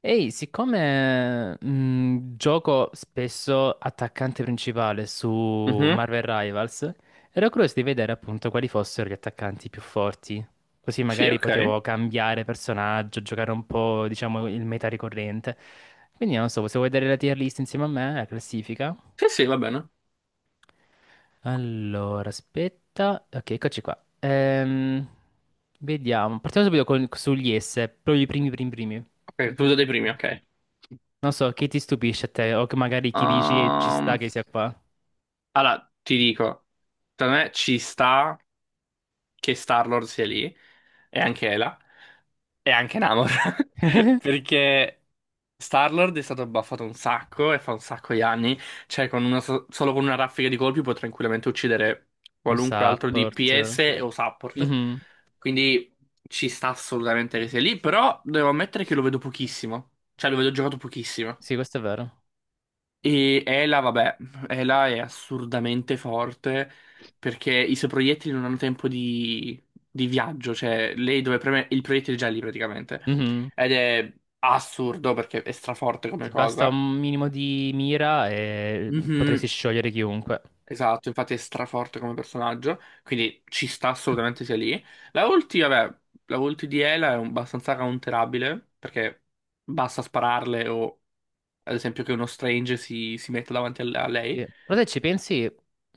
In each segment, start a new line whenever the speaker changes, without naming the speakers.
Ehi, siccome gioco spesso attaccante principale su
Mhm.
Marvel Rivals, ero curioso di vedere appunto quali fossero gli attaccanti più forti. Così
Sì,
magari
ok.
potevo cambiare personaggio, giocare un po', diciamo, il meta ricorrente. Quindi non so, se vuoi vedere la tier list insieme a me, la classifica.
Sì, sì, va bene.
Allora, aspetta. Ok, eccoci qua. Vediamo. Partiamo subito sugli S, proprio i primi, primi, primi.
Ok,
Mm,
tu dei primi, ok.
Non so, chi ti stupisce a te? O che magari chi dici ci sta
Ehm,
che sia qua?
allora, ti dico, da me ci sta che Star-Lord sia lì, e anche Ela, e anche Namor, perché Star-Lord è stato buffato un sacco, e fa un sacco di anni, cioè con una solo con una raffica di colpi può tranquillamente uccidere
Un
qualunque altro
support.
DPS o support,
Mhm.
quindi ci sta assolutamente che sia lì, però devo ammettere che lo vedo pochissimo, cioè lo vedo giocato pochissimo.
Sì, questo è vero.
E Ela, vabbè, Ela è assurdamente forte perché i suoi proiettili non hanno tempo di viaggio, cioè lei dove preme il proiettile è già lì praticamente.
Mhm.
Ed è assurdo perché è straforte come
Ti basta
cosa.
un minimo di mira e potresti
Mhm,
sciogliere chiunque.
esatto, infatti è straforte come personaggio, quindi ci sta assolutamente sia lì. La ulti, vabbè, la ulti di Ela è abbastanza counterabile perché basta spararle o ad esempio che uno Strange si metta davanti a lei.
Sì. Però se ci pensi,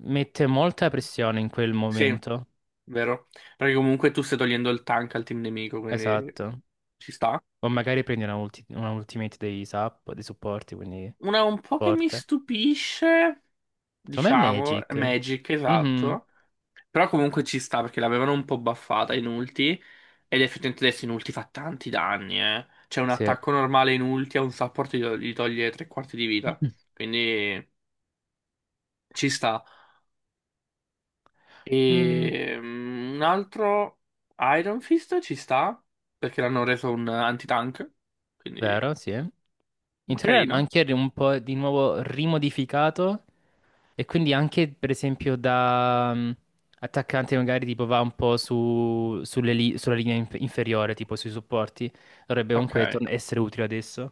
mette molta pressione in quel
Sì,
momento.
vero? Perché comunque tu stai togliendo il tank al team nemico, quindi
Esatto.
ci sta.
O magari prendi una, una ultimate dei dei supporti, quindi
Una un po' che mi
forte.
stupisce,
Secondo me è
diciamo, è
Magic.
Magic,
Mhm.
esatto. Però comunque ci sta perché l'avevano un po' buffata in ulti. Ed effettivamente adesso in ulti fa tanti danni, eh. C'è un
Sì.
attacco normale in ulti a un support gli toglie tre quarti di vita. Quindi ci sta.
Mm,
E un altro Iron Fist ci sta perché l'hanno reso un anti-tank. Quindi
vero, sì. In teoria l'hanno
carino.
anche un po' di nuovo rimodificato e quindi anche per esempio da attaccante magari tipo va un po' sulle sulla linea inferiore, tipo sui supporti, dovrebbe comunque
Ok.
essere utile adesso.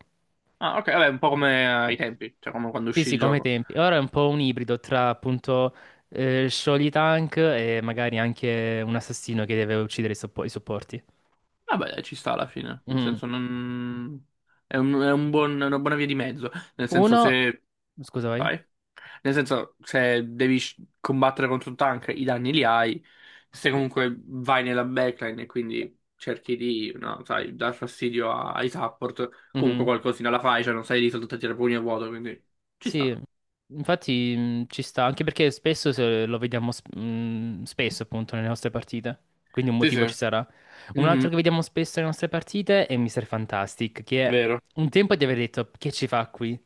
Ah, ok, vabbè, un po' come ai tempi, cioè come quando
Sì,
uscì
sì,
il
come ai
gioco.
tempi. Ora è un po' un ibrido tra appunto Sholy Tank e magari anche un assassino che deve uccidere i supporti.
Vabbè, dai, ci sta alla fine. Nel
Mhm.
senso, non. Una buona via di mezzo. Nel senso,
Uno,
se.
scusa, vai.
Vai. Nel senso, se devi combattere contro un tank, i danni li hai. Se comunque vai nella backline e quindi cerchi di, no, sai, dar fastidio ai support, comunque
Mhm.
qualcosina la fai, cioè non sei lì soltanto a tirare pugni a vuoto, quindi ci
Sì,
sta.
infatti ci sta, anche perché spesso se lo vediamo spesso appunto nelle nostre partite, quindi un
Sì,
motivo ci
sì.
sarà. Un
Mhm,
altro che vediamo spesso nelle nostre partite è Mr. Fantastic, che
vero.
un tempo di aver detto che ci fa qui,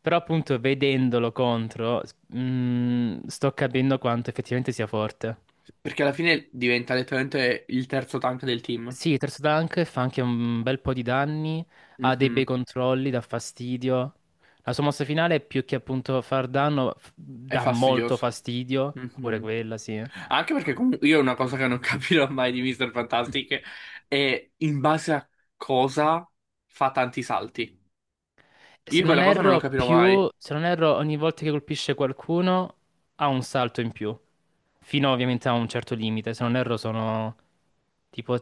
però appunto vedendolo contro sto capendo quanto effettivamente sia forte.
Perché alla fine diventa letteralmente il terzo tank del team.
Sì, Terzo Dunk fa anche un bel po' di danni, ha dei bei
Mhm.
controlli, dà fastidio. La sua mossa finale, più che appunto far danno,
È
dà molto
fastidioso.
fastidio, pure
Mhm.
quella, sì.
Anche perché comunque io una cosa che non capirò mai di Mr. Fantastic è in base a cosa fa tanti salti. Io quella cosa non lo capirò mai.
Se non erro, ogni volta che colpisce qualcuno ha un salto in più, fino ovviamente a un certo limite. Se non erro sono tipo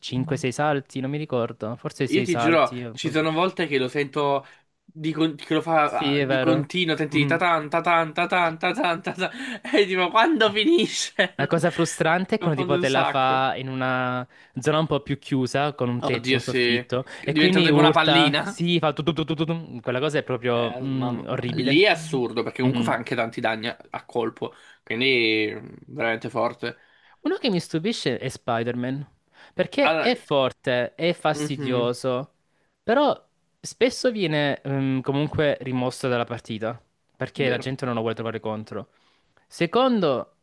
5-6 salti, non mi ricordo, forse
Io
6
ti giuro,
salti. Un
ci
po'.
sono volte che lo sento che lo fa
Sì, è
di
vero.
continuo, senti di
Mhm.
tatan, tatan, tatan, tatan, tatan, e tipo quando finisce?
La cosa frustrante
Mi
è quando
confondo
tipo
un
te la
sacco.
fa in una zona un po' più chiusa, con un tetto,
Oddio,
un
se
soffitto, e
diventa
quindi
tipo una
urta,
pallina,
si fa tu tu tu tu tu, tu. Quella cosa è proprio
eh, ma- ma- lì
orribile.
è assurdo perché comunque fa
Mhm.
anche tanti danni a colpo, quindi veramente forte.
Uno che mi stupisce è Spider-Man, perché
Allora,
è forte, è
mhm,
fastidioso, però spesso viene comunque rimosso dalla partita, perché la
vero.
gente non lo vuole trovare contro. Secondo,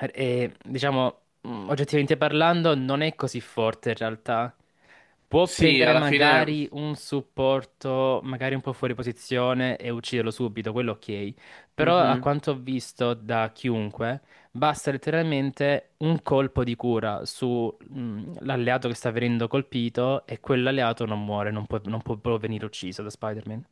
diciamo, oggettivamente parlando, non è così forte in realtà. Può
Sì,
prendere
alla fine,
magari un supporto, magari un po' fuori posizione e ucciderlo subito, quello ok. Però a
mhm.
quanto ho visto da chiunque... Basta letteralmente un colpo di cura sull'alleato che sta venendo colpito e quell'alleato non muore, non può, non può proprio venire ucciso da Spider-Man.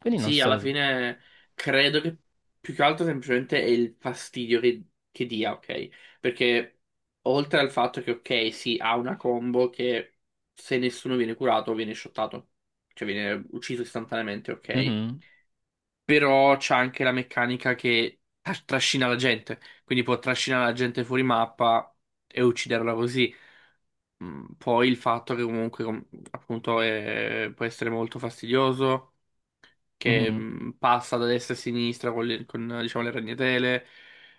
Quindi non
Sì,
so.
alla fine credo che più che altro semplicemente è il fastidio che dia, ok? Perché oltre al fatto che, ok, sì, ha una combo che se nessuno viene curato viene shottato, cioè viene ucciso istantaneamente, ok?
Mhm,
Però c'ha anche la meccanica che trascina la gente, quindi può trascinare la gente fuori mappa e ucciderla così. Poi il fatto che comunque appunto può essere molto fastidioso che
mhm,
passa da destra a sinistra con, diciamo, le ragnatele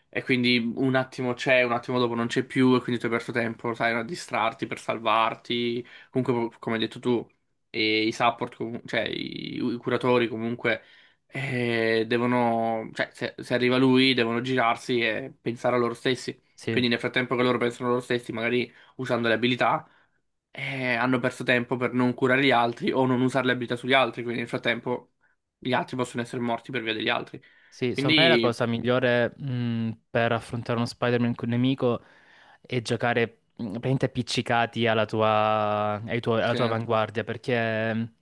e quindi un attimo c'è, un attimo dopo non c'è più e quindi tu hai perso tempo, sai, a distrarti per salvarti. Comunque, come hai detto tu, e i support, cioè i curatori comunque devono, cioè se arriva lui devono girarsi e pensare a loro stessi.
sì.
Quindi nel frattempo che loro pensano a loro stessi, magari usando le abilità hanno perso tempo per non curare gli altri o non usare le abilità sugli altri, quindi nel frattempo gli altri possono essere morti per via degli altri.
Sì, secondo me la
Quindi,
cosa migliore per affrontare uno Spider-Man con un nemico è giocare praticamente appiccicati alla tua, alla
sì,
tua avanguardia, perché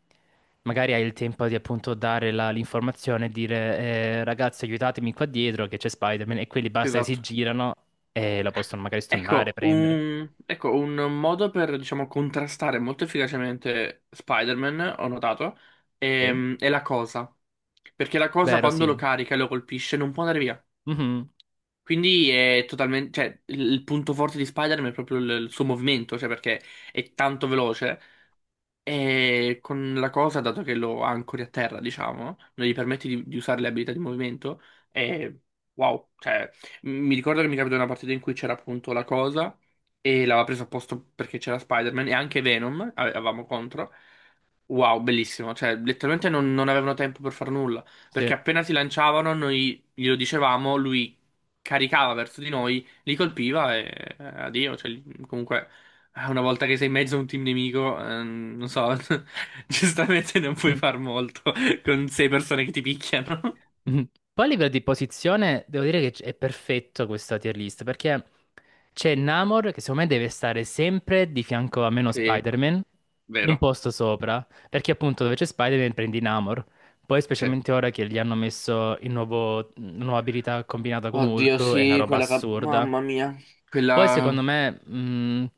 magari hai il tempo di appunto dare l'informazione e dire ragazzi aiutatemi qua dietro che c'è Spider-Man e quelli basta che si
esatto.
girano e la possono magari stunnare,
Ecco,
prendere.
un, modo per, diciamo, contrastare molto efficacemente Spider-Man, ho notato,
Sì?
è la cosa. Perché la cosa
Vero,
quando
sì.
lo carica e lo colpisce non può andare via.
Mhm.
Quindi è totalmente, cioè, il punto forte di Spider-Man è proprio il suo movimento, cioè perché è tanto veloce. E con la cosa, dato che lo ancori a terra, diciamo, non gli permetti di usare le abilità di movimento, è wow. Cioè, mi ricordo che mi capitò una partita in cui c'era appunto la cosa e l'aveva presa a posto perché c'era Spider-Man e anche Venom avevamo contro. Wow, bellissimo. Cioè, letteralmente non avevano tempo per far nulla. Perché appena si lanciavano, noi glielo dicevamo, lui caricava verso di noi, li colpiva e addio. Cioè, comunque, una volta che sei in mezzo a un team nemico, non so, giustamente non puoi
Sì.
far molto con sei persone che ti picchiano.
Mhm. Poi a livello di posizione devo dire che è perfetto questa tier list perché c'è Namor che secondo me deve stare sempre di fianco a meno
Sì.
Spider-Man, un
Vero.
posto sopra, perché appunto dove c'è Spider-Man prendi Namor. Poi
Sì.
specialmente ora che gli hanno messo il nuovo, la nuova abilità combinata con
Oddio,
Hulk, è una
sì,
roba
quella
assurda.
Mamma mia.
Poi secondo
Quella.
me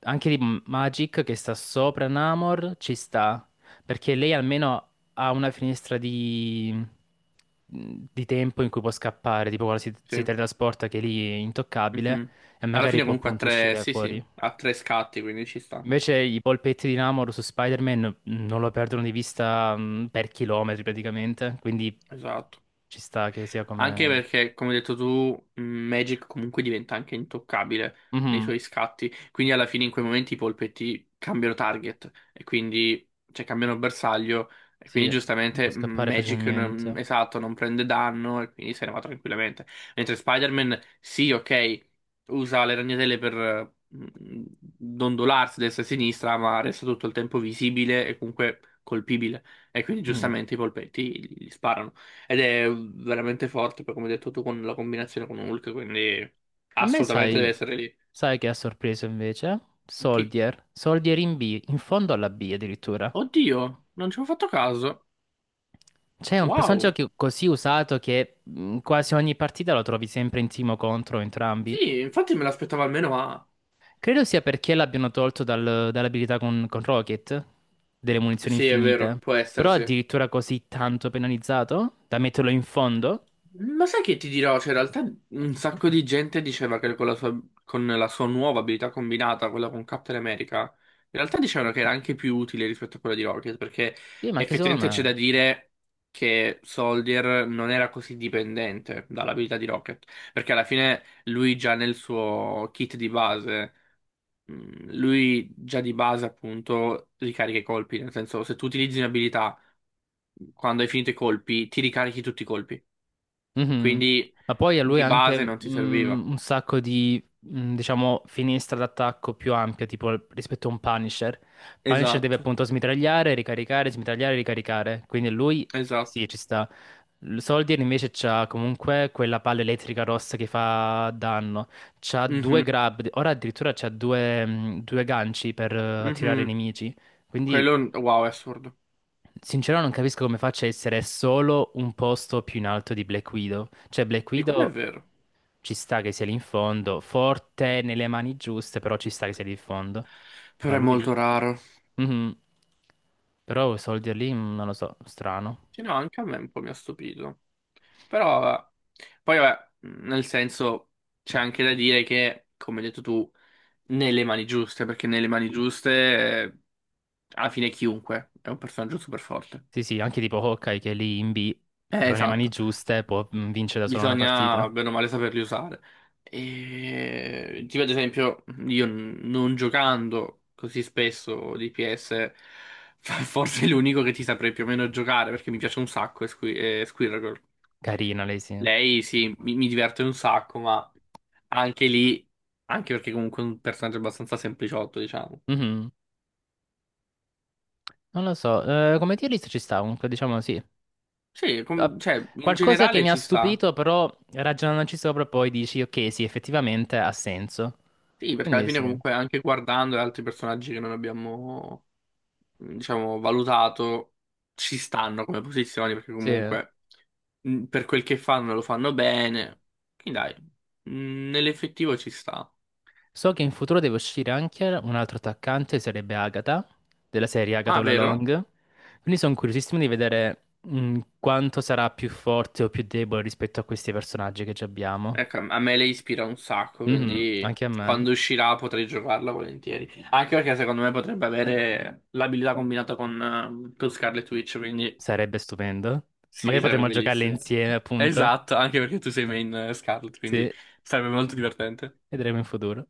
anche di Magic che sta sopra Namor ci sta, perché lei almeno ha una finestra di tempo in cui può scappare, tipo quando si
Sì.
teletrasporta che lì è intoccabile
Mhm.
e
Alla
magari
fine
può
comunque ha
appunto
tre.
uscire
Sì, sì,
fuori.
ha tre scatti, quindi ci sta.
Invece i polpetti di Namor su Spider-Man non lo perdono di vista per chilometri praticamente, quindi
Esatto.
ci sta che sia
Anche
come...
perché, come hai detto tu, Magic comunque diventa anche intoccabile nei
Mhm,
suoi scatti. Quindi alla fine in quei momenti i polpetti cambiano target e quindi cioè, cambiano bersaglio. E
sì,
quindi
può
giustamente
scappare
Magic
facilmente.
esatto, non prende danno e quindi se ne va tranquillamente. Mentre Spider-Man, sì, ok, usa le ragnatele per dondolarsi destra e sinistra, ma resta tutto il tempo visibile e comunque colpibile. E quindi
Mhm.
giustamente i polpetti gli sparano. Ed è veramente forte, poi come hai detto tu, con la combinazione con Hulk, quindi
A me
assolutamente deve
sai,
essere lì.
sai che ha sorpreso invece?
Chi?
Soldier, Soldier in B, in fondo alla B addirittura.
Oddio, non ci ho fatto caso.
C'è un personaggio
Wow.
così usato che quasi ogni partita lo trovi sempre in team o contro entrambi.
Sì, infatti me l'aspettavo almeno, ma.
Credo sia perché l'abbiano tolto dall'abilità con Rocket, delle munizioni
Sì, è vero,
infinite.
può essere,
Però
sì.
addirittura così tanto penalizzato da metterlo in fondo?
Ma sai che ti dirò? Cioè, in realtà un sacco di gente diceva che con la sua nuova abilità combinata, quella con Captain America, in realtà dicevano che era anche più utile rispetto a quella di Rocket, perché
Sì, ma anche secondo
effettivamente c'è
me.
da dire che Soldier non era così dipendente dall'abilità di Rocket, perché alla fine lui già nel suo kit di base, lui già di base appunto ricarica i colpi, nel senso se tu utilizzi un'abilità quando hai finito i colpi, ti ricarichi tutti i colpi.
Mhm.
Quindi
Ma poi a lui
di
anche
base non ti serviva.
un sacco di, diciamo, finestra d'attacco più ampia, tipo rispetto a un Punisher. Punisher deve
Esatto,
appunto smitragliare, ricaricare, smitragliare, ricaricare. Quindi lui,
esatto.
sì, ci sta. Soldier invece c'ha comunque quella palla elettrica rossa che fa danno. C'ha due
Mhm,
grab, ora addirittura c'ha due ganci per attirare i
mhm.
nemici. Quindi
Quello, wow, è assurdo.
sincero, non capisco come faccia a essere solo un posto più in alto di Black Widow. Cioè, Black
Di quello è
Widow
vero.
ci sta che sia lì in fondo, forte nelle mani giuste, però ci sta che sia lì in fondo. Ma
Però è
lui
molto
lì?
raro.
Mhm. Però Soldier lì, non lo so, strano.
Sì, no, anche a me un po' mi ha stupito. Però, vabbè. Poi, vabbè, nel senso, c'è anche da dire che, come hai detto tu, nelle mani giuste, perché nelle mani giuste, eh, alla fine chiunque è un personaggio super forte.
Sì, sì, anche tipo Hawkeye che è lì in B, però nelle mani
Esatto.
giuste può mm, vincere da solo una
Bisogna
partita.
bene o male saperli usare. E tipo ad esempio, io non giocando così spesso di PS, forse è l'unico che ti saprei più o meno giocare perché mi piace un sacco è è Squirrel.
Carina lei, sì.
Lei sì, mi diverte un sacco, ma anche lì, anche perché comunque è un personaggio abbastanza sempliciotto, diciamo.
Mhm. Non lo so, come tier list ci sta, comunque diciamo sì.
Sì,
Ah,
cioè, in
qualcosa che
generale
mi ha
ci sta.
stupito, però ragionandoci sopra poi dici, ok, sì, effettivamente ha senso.
Sì, perché alla
Quindi
fine
sì,
comunque anche guardando gli altri personaggi che non abbiamo diciamo, valutato, ci stanno come posizioni perché
sì.
comunque per quel che fanno lo fanno bene. Quindi dai, nell'effettivo ci sta.
So che in futuro deve uscire anche un altro attaccante, sarebbe Agatha, della serie Agatha
Ah,
All
vero?
Along. Quindi sono curiosissimo di vedere quanto sarà più forte o più debole rispetto a questi personaggi che già abbiamo.
Ecco, a me lei ispira un sacco,
Mhm.
quindi
Anche a me
quando uscirà potrei giocarla volentieri. Anche perché secondo me potrebbe avere l'abilità combinata con Scarlet Witch, quindi
sarebbe stupendo.
sì,
Magari
sarebbe
potremmo giocarle
bellissimo.
insieme, appunto.
Esatto, anche perché tu sei main Scarlet,
Sì,
quindi sarebbe molto divertente.
vedremo in futuro.